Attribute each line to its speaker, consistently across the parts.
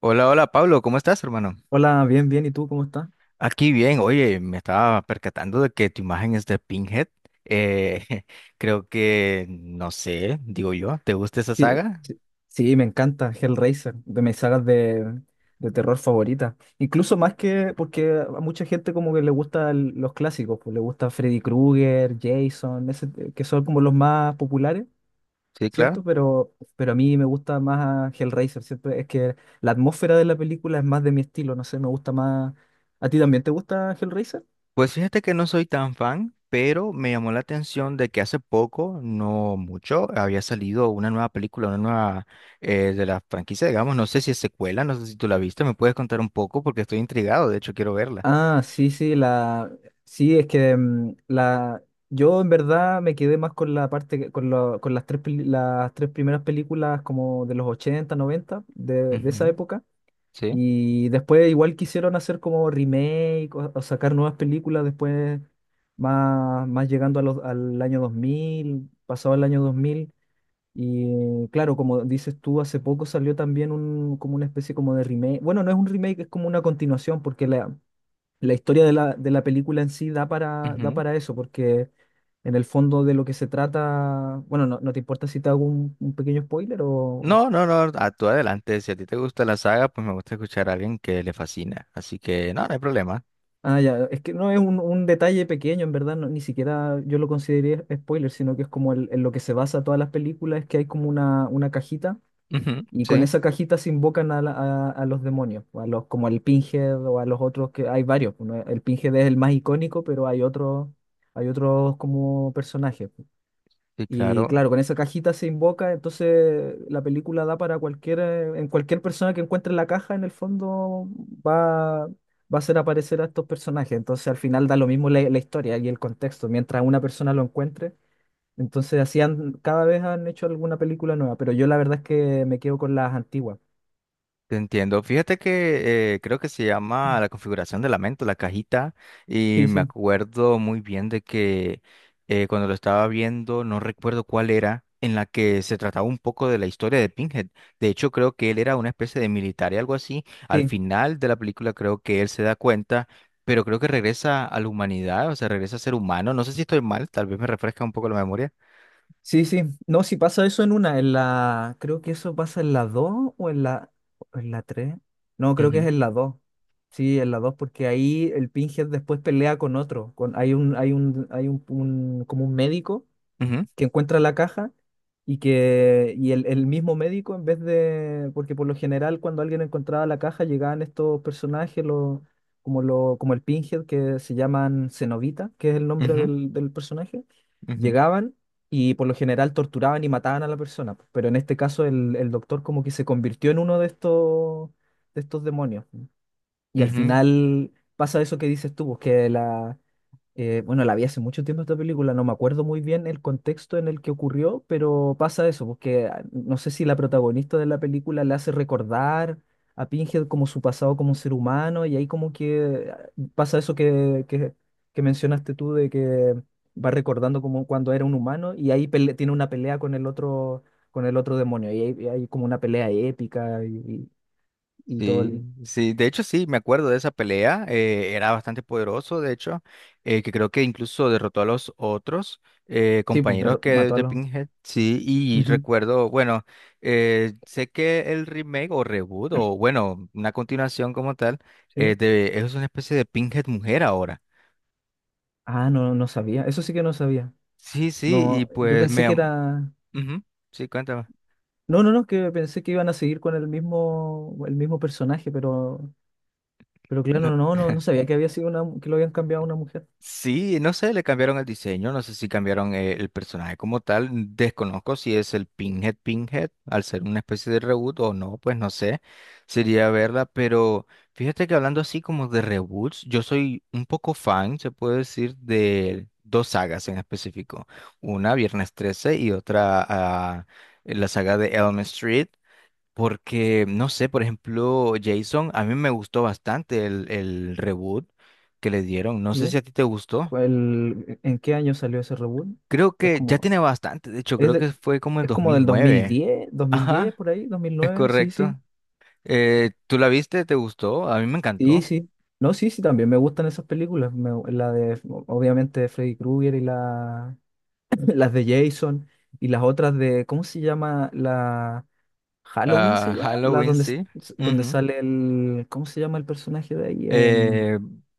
Speaker 1: Hola, hola Pablo, ¿cómo estás, hermano?
Speaker 2: Hola, bien, bien. ¿Y tú cómo estás?
Speaker 1: Aquí bien, oye, me estaba percatando de que tu imagen es de Pinhead. Eh, Creo que, no sé, digo yo, ¿te gusta esa
Speaker 2: Sí,
Speaker 1: saga?
Speaker 2: sí, sí, me encanta Hellraiser, de mis sagas de terror favoritas. Incluso más que porque a mucha gente como que le gustan los clásicos, pues le gusta Freddy Krueger, Jason, que son como los más populares,
Speaker 1: Sí, claro.
Speaker 2: ¿cierto? Pero a mí me gusta más Hellraiser, ¿cierto? Es que la atmósfera de la película es más de mi estilo, no sé, me gusta más. ¿A ti también te gusta Hellraiser?
Speaker 1: Pues fíjate que no soy tan fan, pero me llamó la atención de que hace poco, no mucho, había salido una nueva película, una nueva de la franquicia, digamos, no sé si es secuela, no sé si tú la viste, me puedes contar un poco porque estoy intrigado, de hecho quiero verla.
Speaker 2: Ah, sí, sí, sí, es que yo en verdad me quedé más con la parte, con las tres primeras películas como de los 80 90 de esa
Speaker 1: Ujú,
Speaker 2: época,
Speaker 1: sí.
Speaker 2: y después igual quisieron hacer como remake o sacar nuevas películas después, más llegando a al año 2000 pasado el año 2000. Y claro, como dices tú, hace poco salió también como una especie como de remake, bueno, no es un remake, es como una continuación, porque la historia de la película en sí da
Speaker 1: Ujú.
Speaker 2: para eso, porque en el fondo de lo que se trata, bueno, no te importa si te hago un pequeño spoiler o...
Speaker 1: No, no, no, a tú adelante. Si a ti te gusta la saga, pues me gusta escuchar a alguien que le fascina. Así que no, no hay problema.
Speaker 2: Ah, ya, es que no es un detalle pequeño, en verdad, ni siquiera yo lo consideré spoiler, sino que es como en lo que se basa todas las películas, es que hay como una cajita
Speaker 1: Ujú,
Speaker 2: y con
Speaker 1: sí,
Speaker 2: esa cajita se invocan a los demonios, o a los, como al Pinhead o a los otros, que hay varios, ¿no? El Pinhead es el más icónico, pero hay otros como personajes.
Speaker 1: sí,
Speaker 2: Y
Speaker 1: claro.
Speaker 2: claro, con esa cajita se invoca, entonces la película da para en cualquier persona que encuentre la caja, en el fondo va a hacer aparecer a estos personajes. Entonces al final da lo mismo la historia y el contexto, mientras una persona lo encuentre. Entonces cada vez han hecho alguna película nueva, pero yo la verdad es que me quedo con las antiguas.
Speaker 1: Te entiendo. Fíjate que creo que se llama la configuración de la mente, la cajita, y
Speaker 2: Sí,
Speaker 1: me
Speaker 2: sí,
Speaker 1: acuerdo muy bien de que cuando lo estaba viendo, no recuerdo cuál era, en la que se trataba un poco de la historia de Pinhead. De hecho, creo que él era una especie de militar y algo así. Al
Speaker 2: sí.
Speaker 1: final de la película creo que él se da cuenta, pero creo que regresa a la humanidad, o sea, regresa a ser humano. No sé si estoy mal, tal vez me refresca un poco la memoria.
Speaker 2: Sí, sí. No, si pasa eso en una, en la. Creo que eso pasa en la 2 o en la. O en la tres. No, creo que es
Speaker 1: Ujú,
Speaker 2: en la dos. Sí, en la 2 porque ahí el Pinhead después pelea con otro. Hay un como un médico
Speaker 1: ujú,
Speaker 2: que encuentra la caja y que y el mismo médico, en vez de, porque por lo general cuando alguien encontraba la caja llegaban estos personajes, lo como el Pinhead, que se llaman Cenobita, que es el nombre del personaje,
Speaker 1: ujú, ujú,
Speaker 2: llegaban y por lo general torturaban y mataban a la persona, pues, pero en este caso el doctor como que se convirtió en uno de estos demonios, y al
Speaker 1: ujú.
Speaker 2: final pasa eso que dices tú, pues, que la bueno, la vi hace mucho tiempo esta película, no me acuerdo muy bien el contexto en el que ocurrió, pero pasa eso, porque no sé, si la protagonista de la película le hace recordar a Pinhead como su pasado como ser humano, y ahí como que pasa eso que mencionaste tú, de que va recordando como cuando era un humano, y ahí tiene una pelea con el otro, demonio, y y hay como una pelea épica y todo
Speaker 1: Sí,
Speaker 2: el...
Speaker 1: sí, de hecho sí, me acuerdo de esa pelea, era bastante poderoso, de hecho, que creo que incluso derrotó a los otros
Speaker 2: Sí, pues
Speaker 1: compañeros que
Speaker 2: mató a
Speaker 1: de
Speaker 2: los...
Speaker 1: Pinhead, sí, y
Speaker 2: Ujú,
Speaker 1: recuerdo, bueno, sé que el remake o reboot o bueno, una continuación como tal,
Speaker 2: sí.
Speaker 1: es una especie de Pinhead mujer ahora.
Speaker 2: Ah, no, no sabía, eso sí que no sabía.
Speaker 1: Sí, sí, y
Speaker 2: No, yo
Speaker 1: pues
Speaker 2: pensé
Speaker 1: me...
Speaker 2: que
Speaker 1: am-
Speaker 2: era.
Speaker 1: Ujú, sí, cuéntame.
Speaker 2: No, no, no, que pensé que iban a seguir con el mismo personaje, pero,
Speaker 1: No.
Speaker 2: claro, no, no, no sabía que había sido una, que lo habían cambiado a una mujer.
Speaker 1: Sí, no sé, le cambiaron el diseño, no sé si cambiaron el personaje como tal, desconozco si es el Pinhead Pinhead, al ser una especie de reboot o no, pues no sé, sería verla, pero fíjate que hablando así como de reboots, yo soy un poco fan, se puede decir, de dos sagas en específico, una Viernes 13 y otra la saga de Elm Street. Porque, no sé, por ejemplo, Jason, a mí me gustó bastante el reboot que le dieron. No sé si
Speaker 2: ¿Y
Speaker 1: a ti te gustó.
Speaker 2: en qué año salió ese reboot?
Speaker 1: Creo
Speaker 2: Pues
Speaker 1: que ya
Speaker 2: como,
Speaker 1: tiene bastante, de hecho,
Speaker 2: es
Speaker 1: creo
Speaker 2: de-
Speaker 1: que fue como en
Speaker 2: es
Speaker 1: dos
Speaker 2: como
Speaker 1: mil
Speaker 2: del dos mil
Speaker 1: nueve.
Speaker 2: diez
Speaker 1: Ajá,
Speaker 2: por ahí, dos mil
Speaker 1: es
Speaker 2: nueve sí, sí,
Speaker 1: correcto. ¿Tú la viste? ¿Te gustó? A mí me
Speaker 2: sí,
Speaker 1: encantó.
Speaker 2: sí. No, sí, sí, también me gustan esas películas, la obviamente, de Freddy Krueger y la, las de Jason y las otras de, ¿cómo se llama? Halloween
Speaker 1: Ah,
Speaker 2: se llama,
Speaker 1: Halloween, sí.
Speaker 2: donde
Speaker 1: Ujú.
Speaker 2: sale el, ¿cómo se llama el personaje de ahí?
Speaker 1: Eh,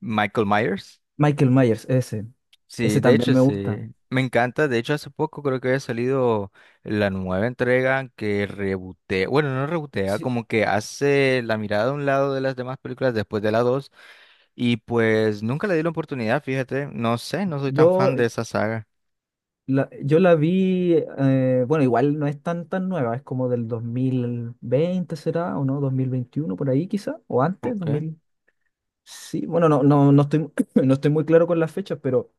Speaker 1: Michael Myers.
Speaker 2: Michael Myers, ese.
Speaker 1: Sí,
Speaker 2: Ese
Speaker 1: de
Speaker 2: también
Speaker 1: hecho
Speaker 2: me gusta.
Speaker 1: sí, me encanta, de hecho hace poco creo que había salido la nueva entrega que rebotea, bueno, no rebotea,
Speaker 2: Sí,
Speaker 1: como que hace la mirada a un lado de las demás películas después de la 2 y pues nunca le di la oportunidad, fíjate, no sé, no soy tan
Speaker 2: yo
Speaker 1: fan de esa saga.
Speaker 2: yo la vi, bueno, igual no es tan tan nueva, es como del 2020 será, o no, 2021 por ahí quizá, o antes,
Speaker 1: Ok.
Speaker 2: 2000. Sí, bueno, no estoy, no estoy muy claro con las fechas, pero...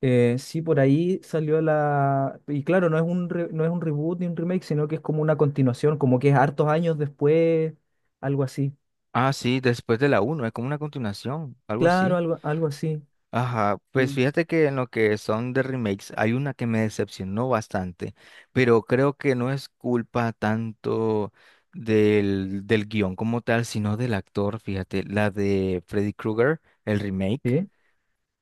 Speaker 2: Sí, por ahí salió la... Y claro, no es un reboot ni un remake, sino que es como una continuación, como que es hartos años después, algo así.
Speaker 1: Ah, sí, después de la uno es como una continuación, algo
Speaker 2: Claro,
Speaker 1: así.
Speaker 2: algo así.
Speaker 1: Ajá, pues
Speaker 2: Sí,
Speaker 1: fíjate que en lo que son de remakes hay una que me decepcionó bastante, pero creo que no es culpa tanto del guión como tal, sino del actor, fíjate, la de Freddy Krueger, el remake.
Speaker 2: sí,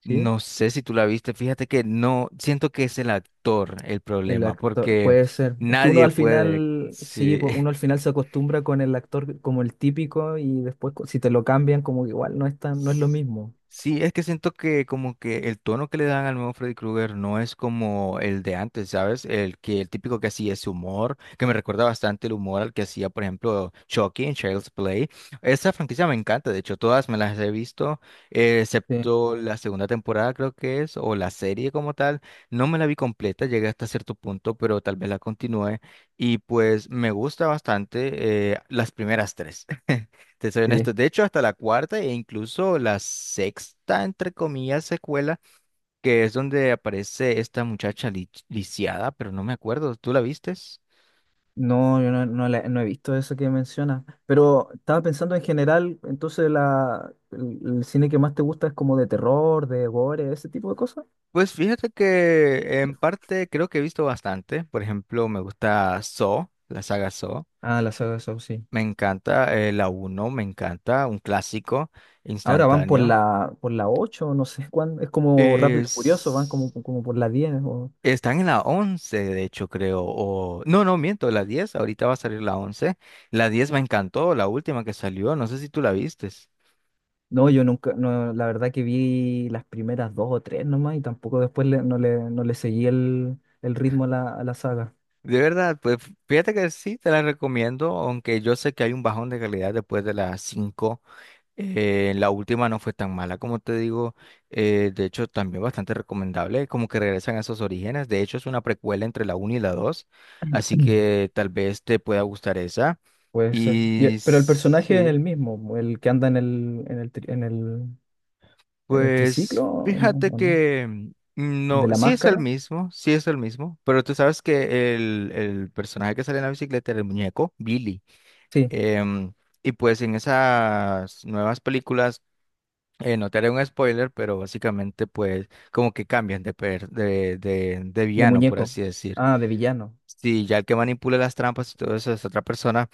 Speaker 2: sí.
Speaker 1: No sé si tú la viste, fíjate que no, siento que es el actor el
Speaker 2: El
Speaker 1: problema,
Speaker 2: actor,
Speaker 1: porque
Speaker 2: puede ser. Es que
Speaker 1: nadie puede,
Speaker 2: sí,
Speaker 1: sí.
Speaker 2: uno al final se acostumbra con el actor como el típico, y después si te lo cambian, como que igual no es lo
Speaker 1: S-
Speaker 2: mismo.
Speaker 1: Sí, es que siento que como que el tono que le dan al nuevo Freddy Krueger no es como el de antes, ¿sabes? El que el típico que hacía ese humor, que me recuerda bastante el humor al que hacía, por ejemplo, Chucky en Child's Play. Esa franquicia me encanta, de hecho, todas me las he visto,
Speaker 2: Sí,
Speaker 1: excepto la segunda temporada, creo que es, o la serie como tal. No me la vi completa, llegué hasta cierto punto, pero tal vez la continúe. Y pues me gusta bastante, las primeras tres. Te soy honesto.
Speaker 2: sí.
Speaker 1: De hecho, hasta la cuarta e incluso la sexta, entre comillas, secuela, que es donde aparece esta muchacha lisiada, pero no me acuerdo. ¿Tú la vistes?
Speaker 2: No, yo no he visto eso que mencionas, pero estaba pensando en general, entonces el cine que más te gusta es como de terror, de gore, ese tipo de cosas.
Speaker 1: Pues fíjate que en parte creo que he visto bastante. Por ejemplo, me gusta Saw, la saga Saw.
Speaker 2: Ah, la saga de Saw, sí.
Speaker 1: Me encanta, la uno me encanta, un clásico
Speaker 2: Ahora van por
Speaker 1: instantáneo.
Speaker 2: por la 8, no sé cuándo, es como Rápido y Furioso, van
Speaker 1: Es.
Speaker 2: como por la 10
Speaker 1: Están en la 11, de hecho, creo. No, no, miento, la diez. Ahorita va a salir la once. La 10 me encantó, la última que salió. No sé si tú la vistes.
Speaker 2: No, yo nunca, no, la verdad que vi las primeras dos o tres nomás y tampoco después no le seguí el ritmo a a la saga.
Speaker 1: De verdad, pues fíjate que sí, te la recomiendo, aunque yo sé que hay un bajón de calidad después de las cinco. La última no fue tan mala como te digo. De hecho, también bastante recomendable, como que regresan a esos orígenes. De hecho, es una precuela entre la uno y la dos. Así que tal vez te pueda gustar esa.
Speaker 2: Puede ser. Y
Speaker 1: Y
Speaker 2: pero el personaje es
Speaker 1: sí.
Speaker 2: el mismo, el que anda en el triciclo,
Speaker 1: Pues
Speaker 2: ¿o no?
Speaker 1: fíjate
Speaker 2: ¿O no?
Speaker 1: que
Speaker 2: ¿El
Speaker 1: no,
Speaker 2: de la
Speaker 1: sí es el
Speaker 2: máscara?
Speaker 1: mismo, sí es el mismo, pero tú sabes que el personaje que sale en la bicicleta era el muñeco, Billy.
Speaker 2: Sí,
Speaker 1: em, y pues en esas nuevas películas, no te haré un spoiler, pero básicamente pues como que cambian de, per- de
Speaker 2: de
Speaker 1: villano, por
Speaker 2: muñeco.
Speaker 1: así decir.
Speaker 2: Ah, de villano.
Speaker 1: Sí, ya el que manipula las trampas y todo eso es otra persona,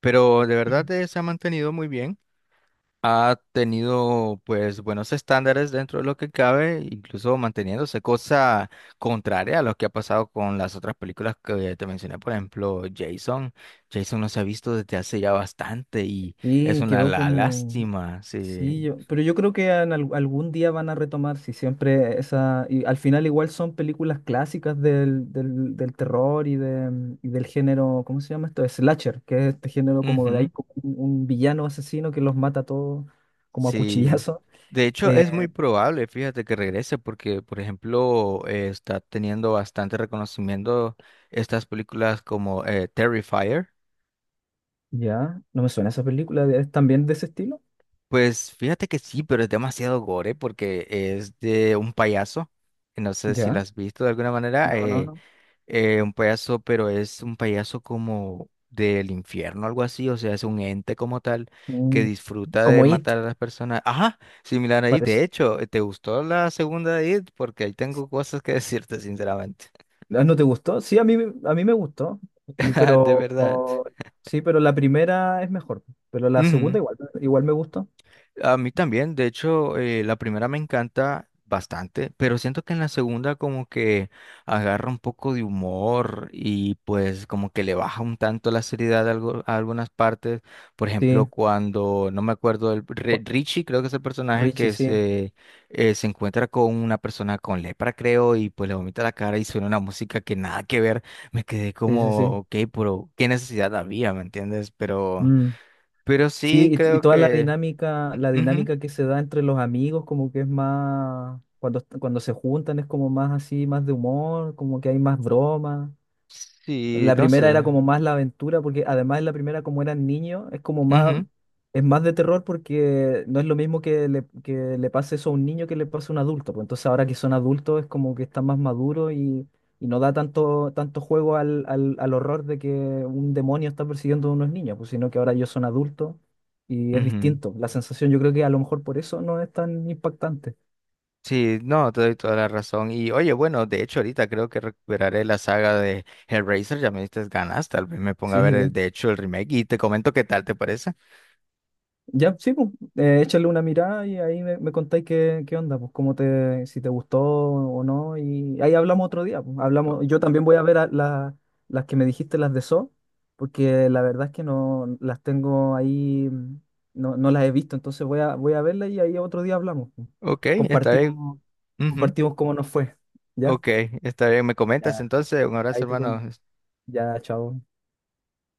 Speaker 1: pero de verdad, se ha mantenido muy bien, ha tenido pues buenos estándares dentro de lo que cabe, incluso manteniéndose cosa contraria a lo que ha pasado con las otras películas que te mencioné, por ejemplo, Jason. Jason no se ha visto desde hace ya bastante y es
Speaker 2: Y
Speaker 1: una
Speaker 2: quedó
Speaker 1: la
Speaker 2: como...
Speaker 1: lástima, sí.
Speaker 2: Sí, yo... pero yo creo que algún día van a retomar, si siempre esa... Y al final igual son películas clásicas del terror y del género, ¿cómo se llama esto? Slasher, que es este género como de ahí,
Speaker 1: Ujú,
Speaker 2: como un villano asesino que los mata a todos como a
Speaker 1: sí.
Speaker 2: cuchillazo.
Speaker 1: De hecho, es
Speaker 2: Eh,
Speaker 1: muy probable, fíjate, que regrese porque, por ejemplo, está teniendo bastante reconocimiento estas películas como Terrifier.
Speaker 2: Ya, no me suena esa película, ¿es también de ese estilo?
Speaker 1: Pues fíjate que sí, pero es demasiado gore porque es de un payaso. Que No sé si lo
Speaker 2: Ya,
Speaker 1: has visto de alguna manera.
Speaker 2: no, no, no.
Speaker 1: Un payaso, pero es un payaso como del infierno, algo así. O sea, es un ente como tal que
Speaker 2: Mm,
Speaker 1: disfruta de
Speaker 2: Como It,
Speaker 1: matar a las personas. Ajá, similar ahí.
Speaker 2: parece.
Speaker 1: De hecho, ¿te gustó la segunda de It? Porque ahí tengo cosas que decirte, sinceramente.
Speaker 2: Ah, ¿no te gustó? Sí, a mí me gustó,
Speaker 1: De
Speaker 2: pero
Speaker 1: verdad.
Speaker 2: sí, pero la primera es mejor, pero la
Speaker 1: Ujú.
Speaker 2: segunda igual me gustó.
Speaker 1: A mí también, de hecho, la primera me encanta bastante, pero siento que en la segunda como que agarra un poco de humor y pues como que le baja un tanto la seriedad a algunas partes. Por ejemplo,
Speaker 2: Sí,
Speaker 1: cuando, no me acuerdo,
Speaker 2: Ju-
Speaker 1: Richie creo que es el personaje
Speaker 2: Richie,
Speaker 1: que
Speaker 2: sí,
Speaker 1: se encuentra con una persona con lepra, creo, y pues le vomita la cara y suena una música que nada que ver. Me quedé
Speaker 2: sí, sí,
Speaker 1: como,
Speaker 2: sí.
Speaker 1: ok, pero ¿qué necesidad había? ¿Me entiendes? Pero,
Speaker 2: Mm,
Speaker 1: sí
Speaker 2: Sí, y
Speaker 1: creo
Speaker 2: toda
Speaker 1: que.
Speaker 2: la
Speaker 1: Ujú.
Speaker 2: dinámica que se da entre los amigos, como que es más, cuando se juntan es como más así, más de humor, como que hay más bromas.
Speaker 1: Sí,
Speaker 2: La
Speaker 1: no
Speaker 2: primera era
Speaker 1: sé.
Speaker 2: como más la aventura, porque además en la primera, como eran niños,
Speaker 1: Ujú,
Speaker 2: es más de terror, porque no es lo mismo que le pase eso a un niño que le pase a un adulto. Pues entonces ahora que son adultos es como que están más maduros, y no da tanto, tanto juego al horror de que un demonio está persiguiendo a unos niños, pues sino que ahora ellos son adultos y es
Speaker 1: ujú.
Speaker 2: distinto. La sensación, yo creo que a lo mejor por eso no es tan impactante.
Speaker 1: Sí, no, te doy toda la razón. Y oye, bueno, de hecho ahorita creo que recuperaré la saga de Hellraiser, ya me diste ganas, tal vez me ponga a
Speaker 2: Sí, sí,
Speaker 1: ver el,
Speaker 2: sí.
Speaker 1: de hecho el remake, y te comento qué tal te parece.
Speaker 2: Ya, sí, pues, échale una mirada y ahí me contáis qué onda, pues si te gustó o no, y ahí hablamos otro día, pues,
Speaker 1: O-
Speaker 2: hablamos, yo también voy a ver a las que me dijiste, las de So, porque la verdad es que no las tengo ahí, no las he visto, entonces voy a verlas y ahí otro día hablamos, pues.
Speaker 1: ok, está bien.
Speaker 2: Compartimos,
Speaker 1: Ujú,
Speaker 2: compartimos cómo nos fue, ¿ya?
Speaker 1: ok, está bien, me comentas
Speaker 2: Ya,
Speaker 1: entonces, un abrazo,
Speaker 2: ahí te
Speaker 1: hermano.
Speaker 2: comento. Ya, chao.